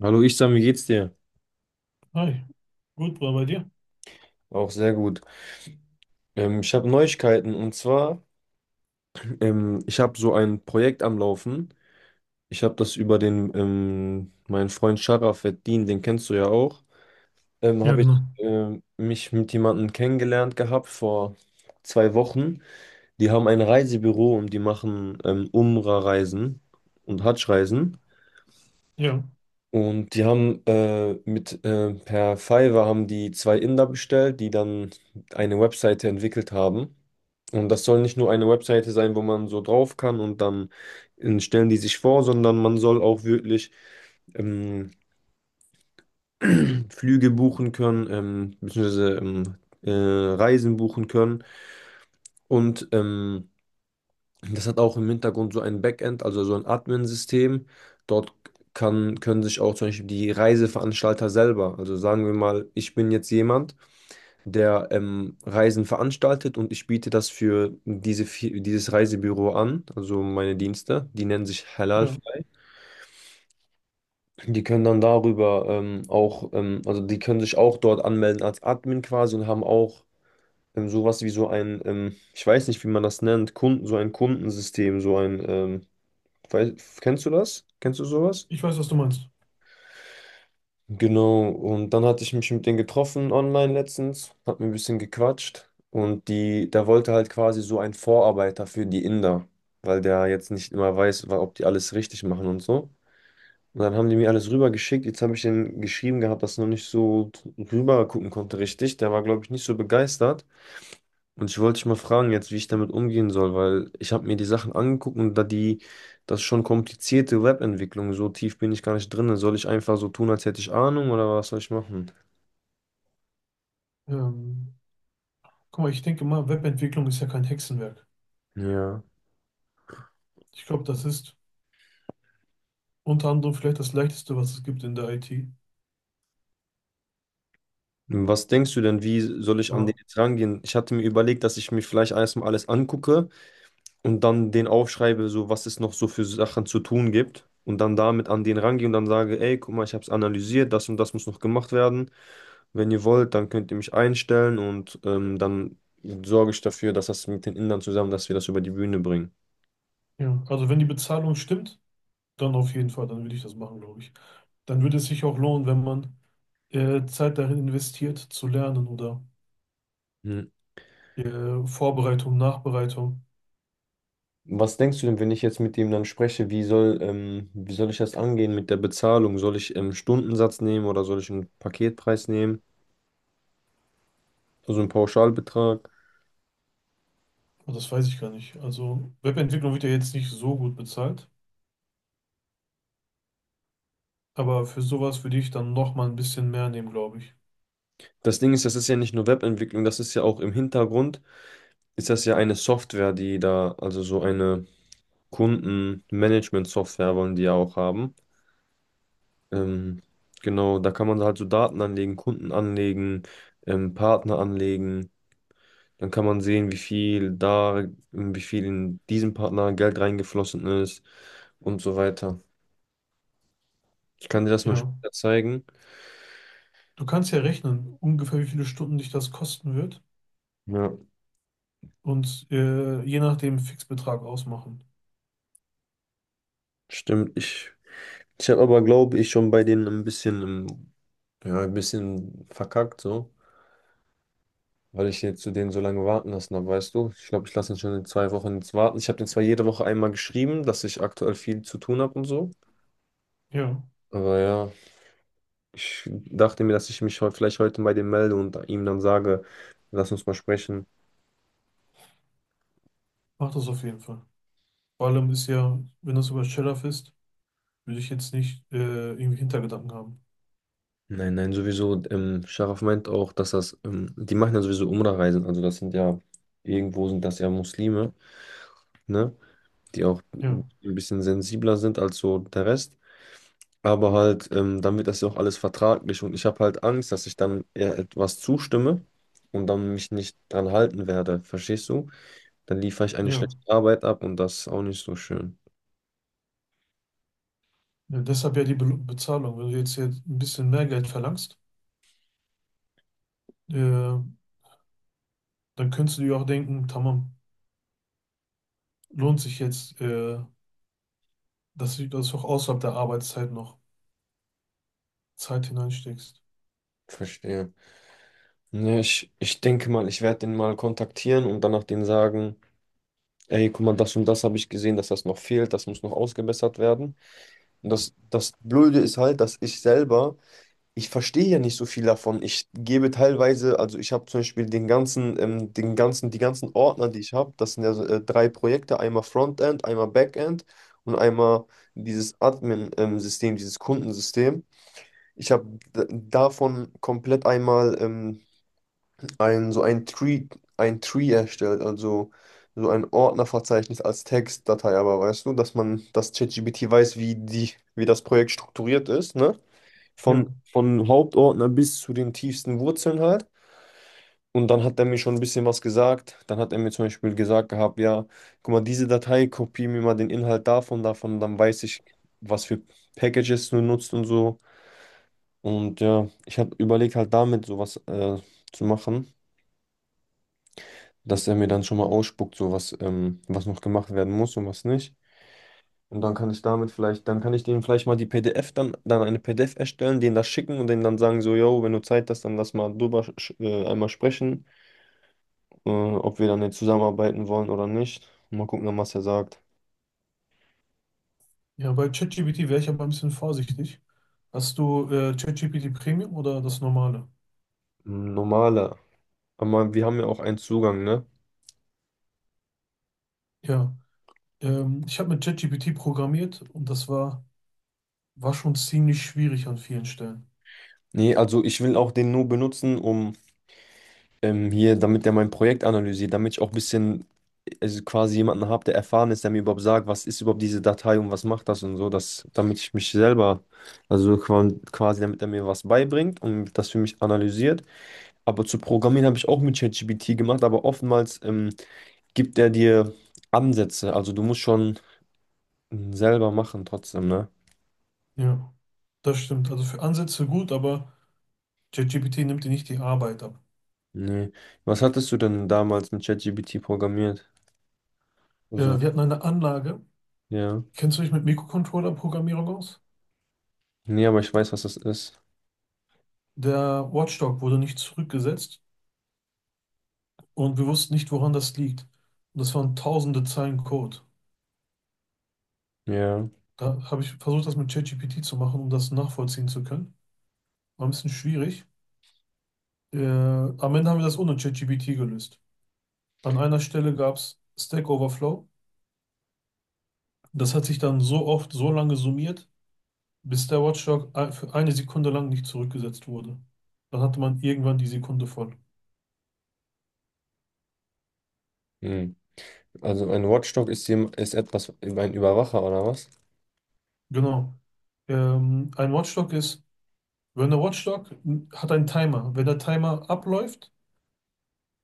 Hallo Isam, wie geht's dir? Hi, gut, war bei dir? Auch sehr gut. Ich habe Neuigkeiten und zwar, ich habe so ein Projekt am Laufen. Ich habe das über meinen Freund Sharafettin, den kennst du ja auch, Ja, habe genau. ich mich mit jemandem kennengelernt gehabt vor zwei Wochen. Die haben ein Reisebüro und die machen Umra-Reisen und Hadsch-Reisen. Ja, Und die haben mit per Fiverr haben die zwei Inder bestellt, die dann eine Webseite entwickelt haben. Und das soll nicht nur eine Webseite sein, wo man so drauf kann und dann stellen die sich vor, sondern man soll auch wirklich ähm, Flüge buchen können, beziehungsweise Reisen buchen können. Und das hat auch im Hintergrund so ein Backend, also so ein Admin-System. Dort können sich auch zum Beispiel die Reiseveranstalter selber, also sagen wir mal, ich bin jetzt jemand, der Reisen veranstaltet und ich biete das für dieses Reisebüro an, also meine Dienste, die nennen sich Halal. ja, Die können dann darüber auch also die können sich auch dort anmelden als Admin quasi und haben auch sowas wie so ein, ich weiß nicht, wie man das nennt, Kunden, so ein Kundensystem, so ein weil, kennst du das? Kennst du sowas? ich weiß, was du meinst. Genau, und dann hatte ich mich mit denen getroffen online letztens, hat mir ein bisschen gequatscht und der wollte halt quasi so ein Vorarbeiter für die Inder, weil der jetzt nicht immer weiß, ob die alles richtig machen und so. Und dann haben die mir alles rübergeschickt, jetzt habe ich denen geschrieben gehabt, dass er noch nicht so drüber gucken konnte richtig, der war glaube ich nicht so begeistert. Und ich wollte dich mal fragen jetzt, wie ich damit umgehen soll, weil ich habe mir die Sachen angeguckt und das ist schon komplizierte Webentwicklung, so tief bin ich gar nicht drin. Soll ich einfach so tun, als hätte ich Ahnung oder was soll ich machen? Ähm, Guck mal, ich denke mal, Webentwicklung ist ja kein Hexenwerk. Ja. Ich glaube, das ist unter anderem vielleicht das Leichteste, was es gibt in der IT. Was denkst du denn, wie soll ich an den Aber jetzt rangehen? Ich hatte mir überlegt, dass ich mir vielleicht erstmal alles angucke und dann den aufschreibe, so was es noch so für Sachen zu tun gibt und dann damit an den rangehe und dann sage, ey, guck mal, ich habe es analysiert, das und das muss noch gemacht werden. Wenn ihr wollt, dann könnt ihr mich einstellen und dann sorge ich dafür, dass das mit den Indern zusammen, dass wir das über die Bühne bringen. ja, also wenn die Bezahlung stimmt, dann auf jeden Fall, dann würde ich das machen, glaube ich. Dann würde es sich auch lohnen, wenn man Zeit darin investiert, zu lernen oder Hm. Vorbereitung, Nachbereitung. Was denkst du denn, wenn ich jetzt mit ihm dann spreche, wie soll ich das angehen mit der Bezahlung? Soll ich Stundensatz nehmen oder soll ich einen Paketpreis nehmen? Also einen Pauschalbetrag? Aber das weiß ich gar nicht. Also Webentwicklung wird ja jetzt nicht so gut bezahlt. Aber für sowas würde ich dann noch mal ein bisschen mehr nehmen, glaube ich. Das Ding ist, das ist ja nicht nur Webentwicklung, das ist ja auch im Hintergrund, ist das ja eine Software, die da, also so eine Kundenmanagement-Software wollen die ja auch haben. Ähm, genau, da kann man halt so Daten anlegen, Kunden anlegen, Partner anlegen. Dann kann man sehen, wie viel in diesen Partner Geld reingeflossen ist und so weiter. Ich kann dir das mal Ja. später zeigen. Du kannst ja rechnen, ungefähr wie viele Stunden dich das kosten wird Ja, und je nach dem Fixbetrag ausmachen. stimmt. Ich habe aber, glaube ich, schon bei denen ein bisschen, ja, ein bisschen verkackt, so. Weil ich jetzt zu denen so lange warten lassen habe, weißt du? Ich glaube, ich lasse ihn schon in zwei Wochen jetzt warten. Ich habe den zwar jede Woche einmal geschrieben, dass ich aktuell viel zu tun habe und so. Ja, Aber ja. Ich dachte mir, dass ich mich vielleicht heute bei dem melde und ihm dann sage, lass uns mal sprechen. mach das auf jeden Fall. Vor allem ist ja, wenn das über Shellac ist, würde ich jetzt nicht irgendwie Hintergedanken haben. Nein, nein, sowieso. Scharaf meint auch, dass die machen ja sowieso Umrah-Reisen. Also das sind ja, irgendwo sind das ja Muslime, ne? Die auch Ja, ein bisschen sensibler sind als so der Rest. Aber halt, dann wird das ja auch alles vertraglich und ich habe halt Angst, dass ich dann eher etwas zustimme und dann mich nicht dran halten werde. Verstehst du? Dann liefere ich eine ja. schlechte Arbeit ab und das ist auch nicht so schön. Ja, deshalb ja die Be Bezahlung. Wenn du jetzt ein bisschen mehr Geld verlangst, dann könntest du dir auch denken, tamam, lohnt sich jetzt, dass du das auch außerhalb der Arbeitszeit noch Zeit hineinsteckst. Verstehe. Ne, ich denke mal, ich werde den mal kontaktieren und danach denen sagen, ey, guck mal, das und das habe ich gesehen, dass das noch fehlt, das muss noch ausgebessert werden. Und das Blöde ist halt, dass ich selber, ich verstehe ja nicht so viel davon. Ich gebe teilweise, also ich habe zum Beispiel die ganzen Ordner, die ich habe, das sind ja so, drei Projekte, einmal Frontend, einmal Backend und einmal dieses Admin-System, dieses Kundensystem. Ich habe davon komplett einmal so ein Tree erstellt, also so ein Ordnerverzeichnis als Textdatei, aber weißt du, dass ChatGPT weiß, wie das Projekt strukturiert ist, ne? Von, Ja. von Hauptordner bis zu den tiefsten Wurzeln halt. Und dann hat er mir schon ein bisschen was gesagt. Dann hat er mir zum Beispiel gesagt gehabt, ja, guck mal, diese Datei, kopier mir mal den Inhalt davon, dann weiß ich, was für Packages du nutzt und so. Und ja, ich habe überlegt halt damit sowas zu machen, dass er mir dann schon mal ausspuckt, so was, was noch gemacht werden muss und was nicht. Und dann kann ich damit vielleicht, dann kann ich denen vielleicht mal die PDF dann, dann eine PDF erstellen, denen das schicken und denen dann sagen, so, yo, wenn du Zeit hast, dann lass mal drüber einmal sprechen, ob wir dann jetzt zusammenarbeiten wollen oder nicht. Mal gucken, dann, was er sagt. Ja, bei ChatGPT wäre ich aber ein bisschen vorsichtig. Hast du ChatGPT Premium oder das normale? Normaler. Aber wir haben ja auch einen Zugang, ne? Ja. Ich habe mit ChatGPT programmiert und war schon ziemlich schwierig an vielen Stellen. Nee, also ich will auch den nur benutzen, um damit er mein Projekt analysiert, damit ich auch ein bisschen, also quasi jemanden habe, der erfahren ist, der mir überhaupt sagt, was ist überhaupt diese Datei und was macht das und so, damit ich mich selber, also quasi, damit er mir was beibringt und das für mich analysiert. Aber zu Programmieren habe ich auch mit ChatGPT gemacht, aber oftmals gibt er dir Ansätze, also du musst schon selber machen trotzdem, ne? Ja, das stimmt. Also für Ansätze gut, aber ChatGPT nimmt dir nicht die Arbeit ab. Nee. Was hattest du denn damals mit ChatGPT programmiert? Also, Wir hatten eine Anlage. ja. Kennst du dich mit Mikrocontroller-Programmierung aus? Nee, aber ich weiß, was das ist. Der Watchdog wurde nicht zurückgesetzt und wir wussten nicht, woran das liegt. Und das waren tausende Zeilen Code. Ja. Da habe ich versucht, das mit ChatGPT zu machen, um das nachvollziehen zu können. War ein bisschen schwierig. Am Ende haben wir das ohne ChatGPT gelöst. An einer Stelle gab es Stack Overflow. Das hat sich dann so oft, so lange summiert, bis der Watchdog für eine Sekunde lang nicht zurückgesetzt wurde. Dann hatte man irgendwann die Sekunde voll. Hm. Also ein Watchdog ist, ist etwas, ein Überwacher oder was? Genau. Ein Watchdog ist, wenn der Watchdog hat einen Timer. Wenn der Timer abläuft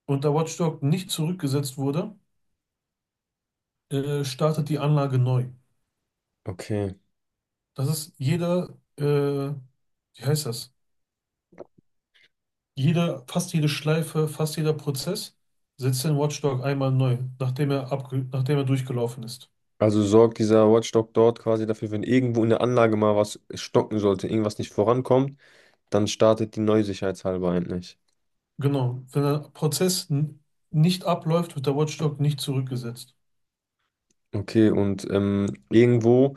und der Watchdog nicht zurückgesetzt wurde, startet die Anlage neu. Okay. Das ist jeder, Wie heißt das? Jeder, fast jede Schleife, fast jeder Prozess setzt den Watchdog einmal neu, nachdem er abge nachdem er durchgelaufen ist. Also sorgt dieser Watchdog dort quasi dafür, wenn irgendwo in der Anlage mal was stocken sollte, irgendwas nicht vorankommt, dann startet die neu sicherheitshalber endlich. Genau. Wenn der Prozess nicht abläuft, wird der Watchdog nicht zurückgesetzt. Okay, und ähm, irgendwo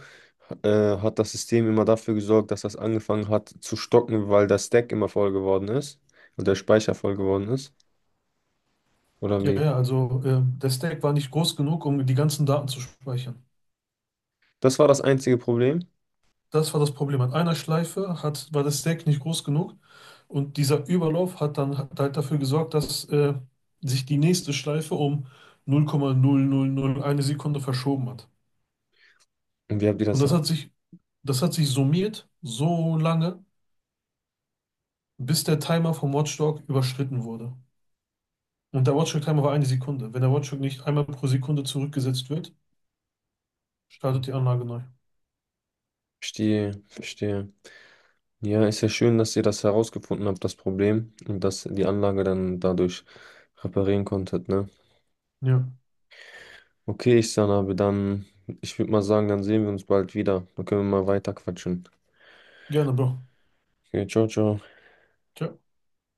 äh, hat das System immer dafür gesorgt, dass das angefangen hat zu stocken, weil der Stack immer voll geworden ist und der Speicher voll geworden ist. Oder Ja, wie? ja, also der Stack war nicht groß genug, um die ganzen Daten zu speichern. Das war das einzige Problem. Das war das Problem. An einer war der Stack nicht groß genug, und dieser Überlauf hat halt dafür gesorgt, dass sich die nächste Schleife um 0,0001 Sekunde verschoben hat. Und wie habt ihr Und das... das hat sich summiert so lange, bis der Timer vom Watchdog überschritten wurde. Und der Watchdog-Timer war eine Sekunde. Wenn der Watchdog nicht einmal pro Sekunde zurückgesetzt wird, startet die Anlage neu. Verstehe, verstehe. Ja, ist ja schön, dass ihr das herausgefunden habt, das Problem, und dass die Anlage dann dadurch reparieren konntet, ne? Ja, Okay, ich Sanabe, dann, ich würde mal sagen, dann sehen wir uns bald wieder. Dann können wir mal weiter quatschen. gerne, Bro. Okay, ciao, ciao. Ciao.